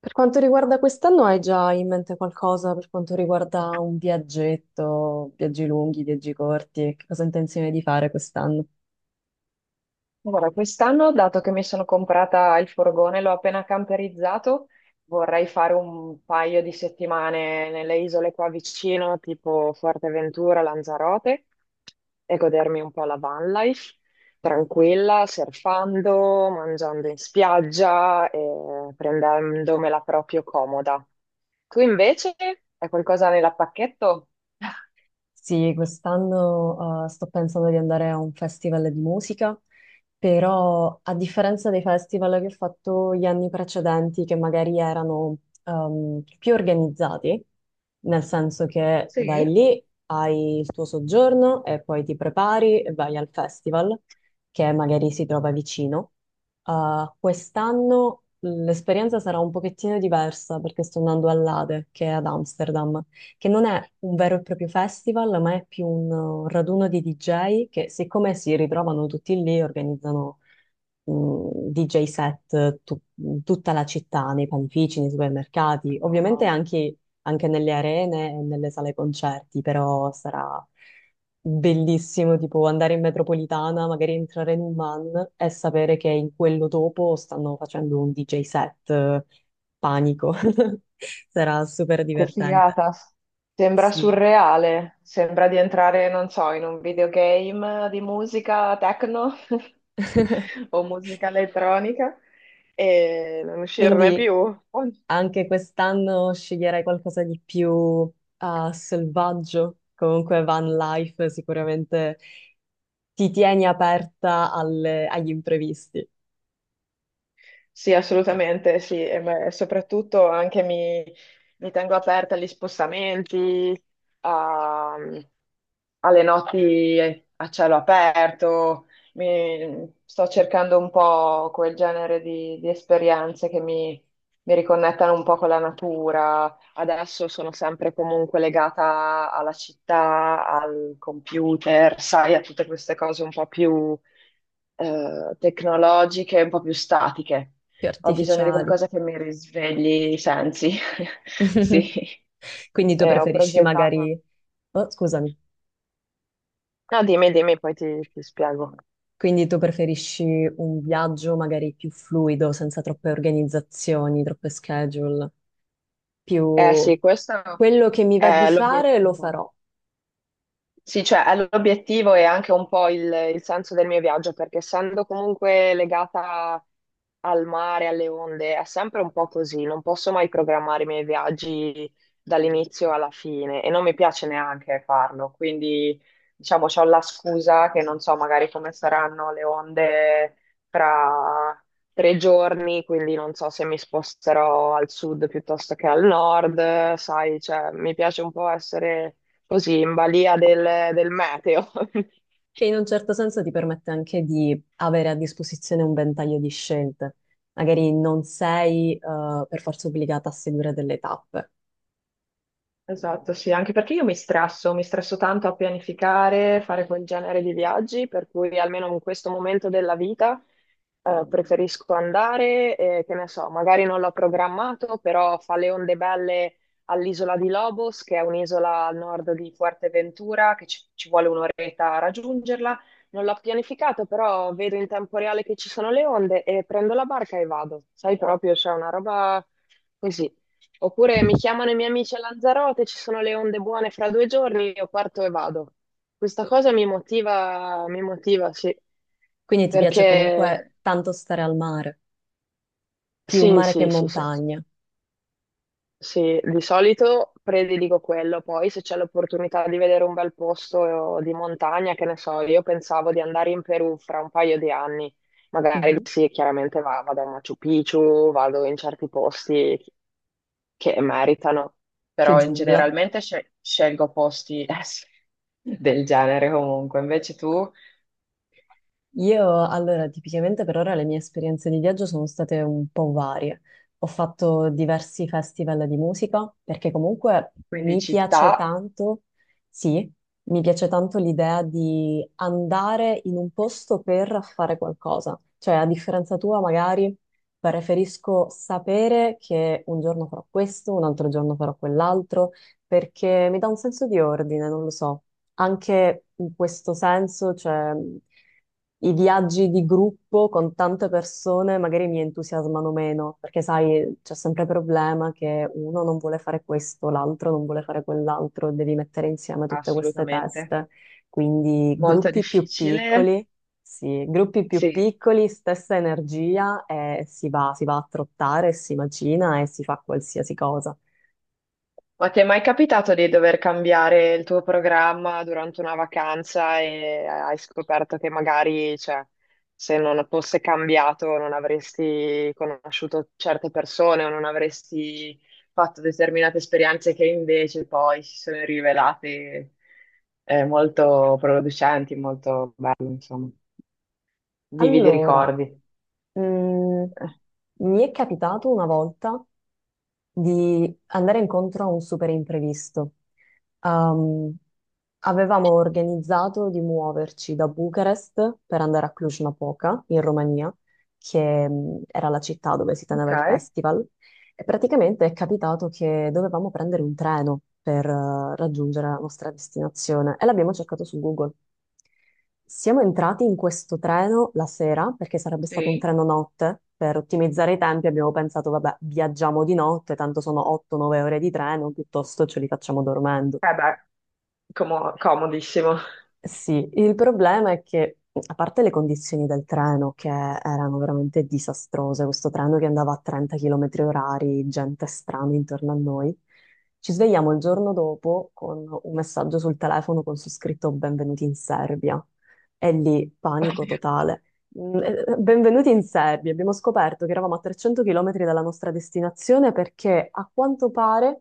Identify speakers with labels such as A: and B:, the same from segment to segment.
A: Per quanto riguarda quest'anno, hai già in mente qualcosa per quanto riguarda un viaggetto, viaggi lunghi, viaggi corti? Che cosa hai intenzione di fare quest'anno?
B: Allora, quest'anno, dato che mi sono comprata il furgone, l'ho appena camperizzato, vorrei fare un paio di settimane nelle isole qua vicino, tipo Fuerteventura, Lanzarote, e godermi un po' la van life, tranquilla, surfando, mangiando in spiaggia e prendendomela proprio comoda. Tu invece? Hai qualcosa nella pacchetto?
A: Sì, quest'anno sto pensando di andare a un festival di musica, però a differenza dei festival che ho fatto gli anni precedenti, che magari erano più organizzati, nel senso che vai
B: Sì.
A: lì, hai il tuo soggiorno e poi ti prepari e vai al festival che magari si trova vicino. Quest'anno l'esperienza sarà un pochettino diversa perché sto andando all'Ade, che è ad Amsterdam, che non è un vero e proprio festival, ma è più un raduno di DJ che, siccome si ritrovano tutti lì, organizzano DJ set in tutta la città, nei panifici, nei supermercati, ovviamente
B: Wow.
A: anche, anche nelle arene e nelle sale concerti, però sarà bellissimo tipo andare in metropolitana, magari entrare in un man e sapere che in quello dopo stanno facendo un DJ set, panico. Sarà super
B: Che
A: divertente.
B: figata. Sembra
A: Sì.
B: surreale, sembra di entrare, non so, in un videogame di musica techno o musica elettronica e non uscirne
A: Quindi
B: più.
A: anche quest'anno sceglierei qualcosa di più selvaggio. Comunque van life sicuramente ti tieni aperta agli imprevisti
B: Sì, assolutamente, sì, e beh, soprattutto anche mi tengo aperta agli spostamenti, a- alle notti a cielo aperto. Sto cercando un po' quel genere di esperienze che mi riconnettano un po' con la natura. Adesso sono sempre comunque legata alla città, al computer, sai, a tutte queste cose un po' più tecnologiche, un po' più statiche.
A: più
B: Ho bisogno di
A: artificiali.
B: qualcosa che mi risvegli i sensi. Sì.
A: Quindi tu
B: Ho
A: preferisci
B: progettato.
A: magari... Oh, scusami.
B: No, dimmi, dimmi, poi ti spiego.
A: Quindi tu preferisci un viaggio magari più fluido, senza troppe organizzazioni, troppe schedule,
B: Eh
A: più
B: sì, questo
A: quello che mi va di
B: è
A: fare lo
B: l'obiettivo.
A: farò.
B: Sì, cioè l'obiettivo è anche un po' il senso del mio viaggio, perché essendo comunque legata al mare, alle onde, è sempre un po' così, non posso mai programmare i miei viaggi dall'inizio alla fine e non mi piace neanche farlo, quindi diciamo c'ho la scusa che non so magari come saranno le onde fra tre giorni, quindi non so se mi sposterò al sud piuttosto che al nord, sai, cioè mi piace un po' essere così in balia del meteo.
A: Che in un certo senso ti permette anche di avere a disposizione un ventaglio di scelte. Magari non sei, per forza obbligata a seguire delle tappe.
B: Esatto, sì, anche perché io mi stresso tanto a pianificare, fare quel genere di viaggi, per cui almeno in questo momento della vita preferisco andare, e, che ne so, magari non l'ho programmato, però fa le onde belle all'isola di Lobos, che è un'isola al nord di Fuerteventura, che ci vuole un'oretta a raggiungerla. Non l'ho pianificato, però vedo in tempo reale che ci sono le onde e prendo la barca e vado. Sai proprio, c'è una roba così. Oppure mi chiamano i miei amici a Lanzarote, ci sono le onde buone fra due giorni, io parto e vado. Questa cosa mi motiva, sì,
A: Quindi ti piace comunque
B: perché
A: tanto stare al mare, più
B: sì,
A: mare che
B: sì, sì, sì.
A: montagna,
B: Sì, di solito prediligo quello, poi se c'è l'opportunità di vedere un bel posto di montagna, che ne so, io pensavo di andare in Perù fra un paio di anni, magari
A: mhm,
B: sì, chiaramente vado a Machu Picchu, vado in certi posti che meritano,
A: più
B: però in
A: giungla.
B: generalmente scelgo posti del genere comunque, invece tu,
A: Io, allora, tipicamente per ora le mie esperienze di viaggio sono state un po' varie. Ho fatto diversi festival di musica perché comunque
B: quindi
A: mi piace
B: città,
A: tanto, sì, mi piace tanto l'idea di andare in un posto per fare qualcosa. Cioè, a differenza tua, magari preferisco sapere che un giorno farò questo, un altro giorno farò quell'altro, perché mi dà un senso di ordine, non lo so, anche in questo senso, cioè, i viaggi di gruppo con tante persone magari mi entusiasmano meno, perché sai, c'è sempre il problema che uno non vuole fare questo, l'altro non vuole fare quell'altro, devi mettere insieme tutte queste
B: assolutamente,
A: teste. Quindi
B: molto
A: gruppi più
B: difficile,
A: piccoli, sì, gruppi più
B: sì.
A: piccoli, stessa energia e si va a trottare, si macina e si fa qualsiasi cosa.
B: Ma ti è mai capitato di dover cambiare il tuo programma durante una vacanza e hai scoperto che magari, cioè, se non fosse cambiato non avresti conosciuto certe persone o non avresti fatto determinate esperienze che invece poi si sono rivelate molto producenti, molto belle, insomma, vividi
A: Allora,
B: ricordi.
A: mm,
B: Eh.
A: mi è capitato una volta di andare incontro a un super imprevisto. Ehm, avevamo organizzato di muoverci da Bucarest per andare a Cluj-Napoca, in Romania, che era la città dove si
B: Ok,
A: teneva il festival, e praticamente è capitato che dovevamo prendere un treno per raggiungere la nostra destinazione e l'abbiamo cercato su Google. Siamo entrati in questo treno la sera perché sarebbe stato un
B: sì.
A: treno notte. Per ottimizzare i tempi abbiamo pensato, vabbè, viaggiamo di notte, tanto sono 8-9 ore di treno, piuttosto ce li facciamo dormendo.
B: Eh beh, comodissimo.
A: Sì, il problema è che, a parte le condizioni del treno che erano veramente disastrose, questo treno che andava a 30 km orari, gente strana intorno a noi, ci svegliamo il giorno dopo con un messaggio sul telefono con su scritto "Benvenuti in Serbia". E lì panico totale. Mm, Benvenuti in Serbia. Abbiamo scoperto che eravamo a 300 km dalla nostra destinazione perché a quanto pare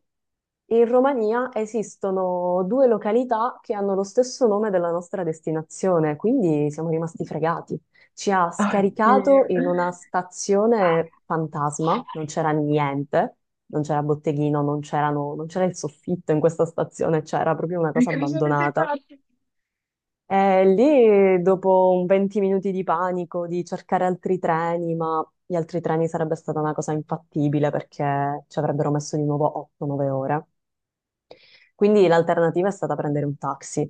A: in Romania esistono due località che hanno lo stesso nome della nostra destinazione, quindi siamo rimasti fregati. Ci ha scaricato
B: Oddio.
A: in una stazione fantasma, non c'era niente, non c'era botteghino, non c'era il soffitto in questa stazione, c'era proprio una
B: E
A: cosa
B: cosa avete
A: abbandonata.
B: fatto?
A: E lì, dopo un 20 minuti di panico, di cercare altri treni, ma gli altri treni sarebbe stata una cosa infattibile perché ci avrebbero messo di nuovo 8-9 ore. Quindi l'alternativa è stata prendere un taxi.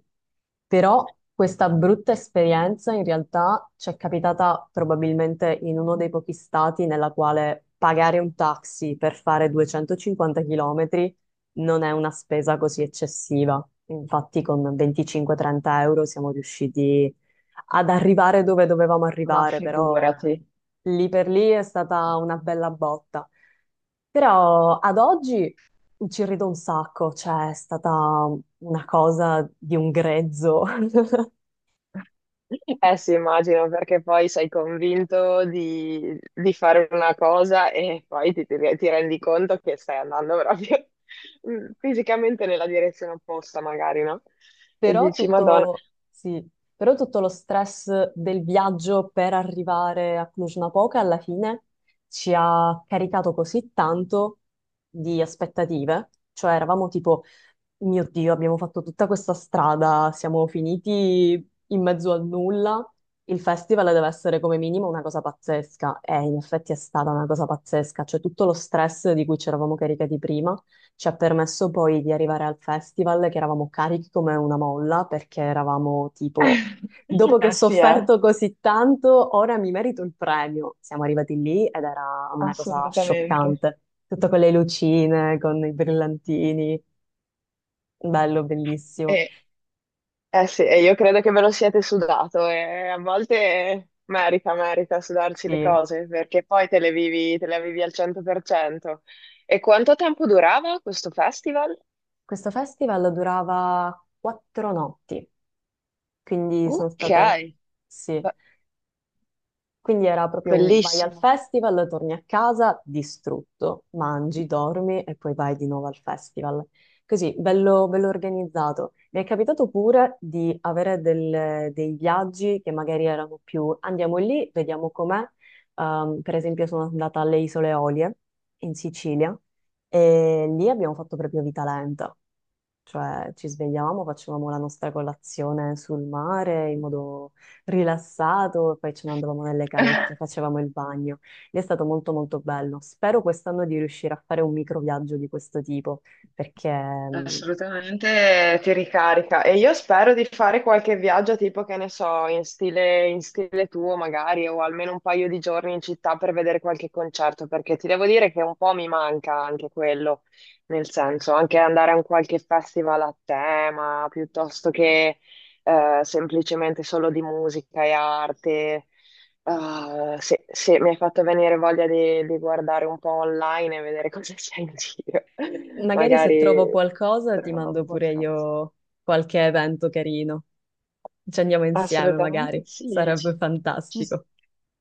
A: Però questa brutta esperienza in realtà ci è capitata probabilmente in uno dei pochi stati nella quale pagare un taxi per fare 250 km non è una spesa così eccessiva. Infatti con 25-30 euro siamo riusciti ad arrivare dove dovevamo
B: Ma
A: arrivare, però
B: figurati.
A: lì per lì è stata una bella botta. Però ad oggi ci rido un sacco, cioè è stata una cosa di un grezzo.
B: Eh sì, immagino, perché poi sei convinto di fare una cosa e poi ti rendi conto che stai andando proprio fisicamente nella direzione opposta, magari, no? E
A: Però
B: dici, Madonna.
A: tutto, sì, però tutto lo stress del viaggio per arrivare a Cluj-Napoca alla fine ci ha caricato così tanto di aspettative, cioè eravamo tipo, mio Dio, abbiamo fatto tutta questa strada, siamo finiti in mezzo al nulla, il festival deve essere come minimo una cosa pazzesca e in effetti è stata una cosa pazzesca, cioè tutto lo stress di cui ci eravamo caricati prima ci ha permesso poi di arrivare al festival che eravamo carichi come una molla perché eravamo tipo, dopo che ho
B: Eh sì,
A: sofferto così tanto, ora mi merito il premio. Siamo arrivati lì ed era una cosa
B: assolutamente.
A: scioccante, tutto con le lucine, con i brillantini, bello, bellissimo.
B: E Eh sì, e io credo che ve lo siete sudato e a volte merita, merita sudarsi le
A: Sì.
B: cose perché poi te le vivi al 100%. E quanto tempo durava questo festival?
A: Questo festival durava 4 notti, quindi sono
B: Ok,
A: state... Sì.
B: be-
A: Quindi era proprio un vai al
B: bellissimo.
A: festival, torni a casa distrutto, mangi, dormi e poi vai di nuovo al festival. Così, bello, bello organizzato. Mi è capitato pure di avere dei viaggi che magari erano più andiamo lì, vediamo com'è. Per esempio sono andata alle Isole Olie in Sicilia e lì abbiamo fatto proprio vita lenta. Cioè, ci svegliavamo, facevamo la nostra colazione sul mare in modo rilassato, e poi ce ne andavamo nelle calette, facevamo il bagno. Lì è stato molto molto bello. Spero quest'anno di riuscire a fare un microviaggio di questo tipo, perché
B: Assolutamente ti ricarica e io spero di fare qualche viaggio tipo che ne so, in stile tuo magari o almeno un paio di giorni in città per vedere qualche concerto perché ti devo dire che un po' mi manca anche quello, nel senso anche andare a un qualche festival a tema piuttosto che semplicemente solo di musica e arte. Ah, sì, sì, mi hai fatto venire voglia di guardare un po' online e vedere cosa c'è in giro.
A: magari se trovo
B: Magari
A: qualcosa ti mando
B: trovo
A: pure
B: qualcosa.
A: io qualche evento carino. Ci andiamo insieme,
B: Assolutamente
A: magari.
B: sì,
A: Sarebbe
B: ci, ci-
A: fantastico.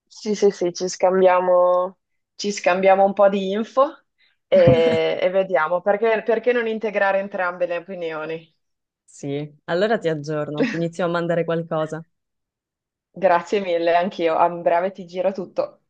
B: sì, sì, sì, ci scambiamo un po' di info e vediamo perché non integrare entrambe le opinioni.
A: Sì, allora ti aggiorno, ti inizio a mandare qualcosa.
B: Grazie mille, anch'io. A breve ti giro tutto.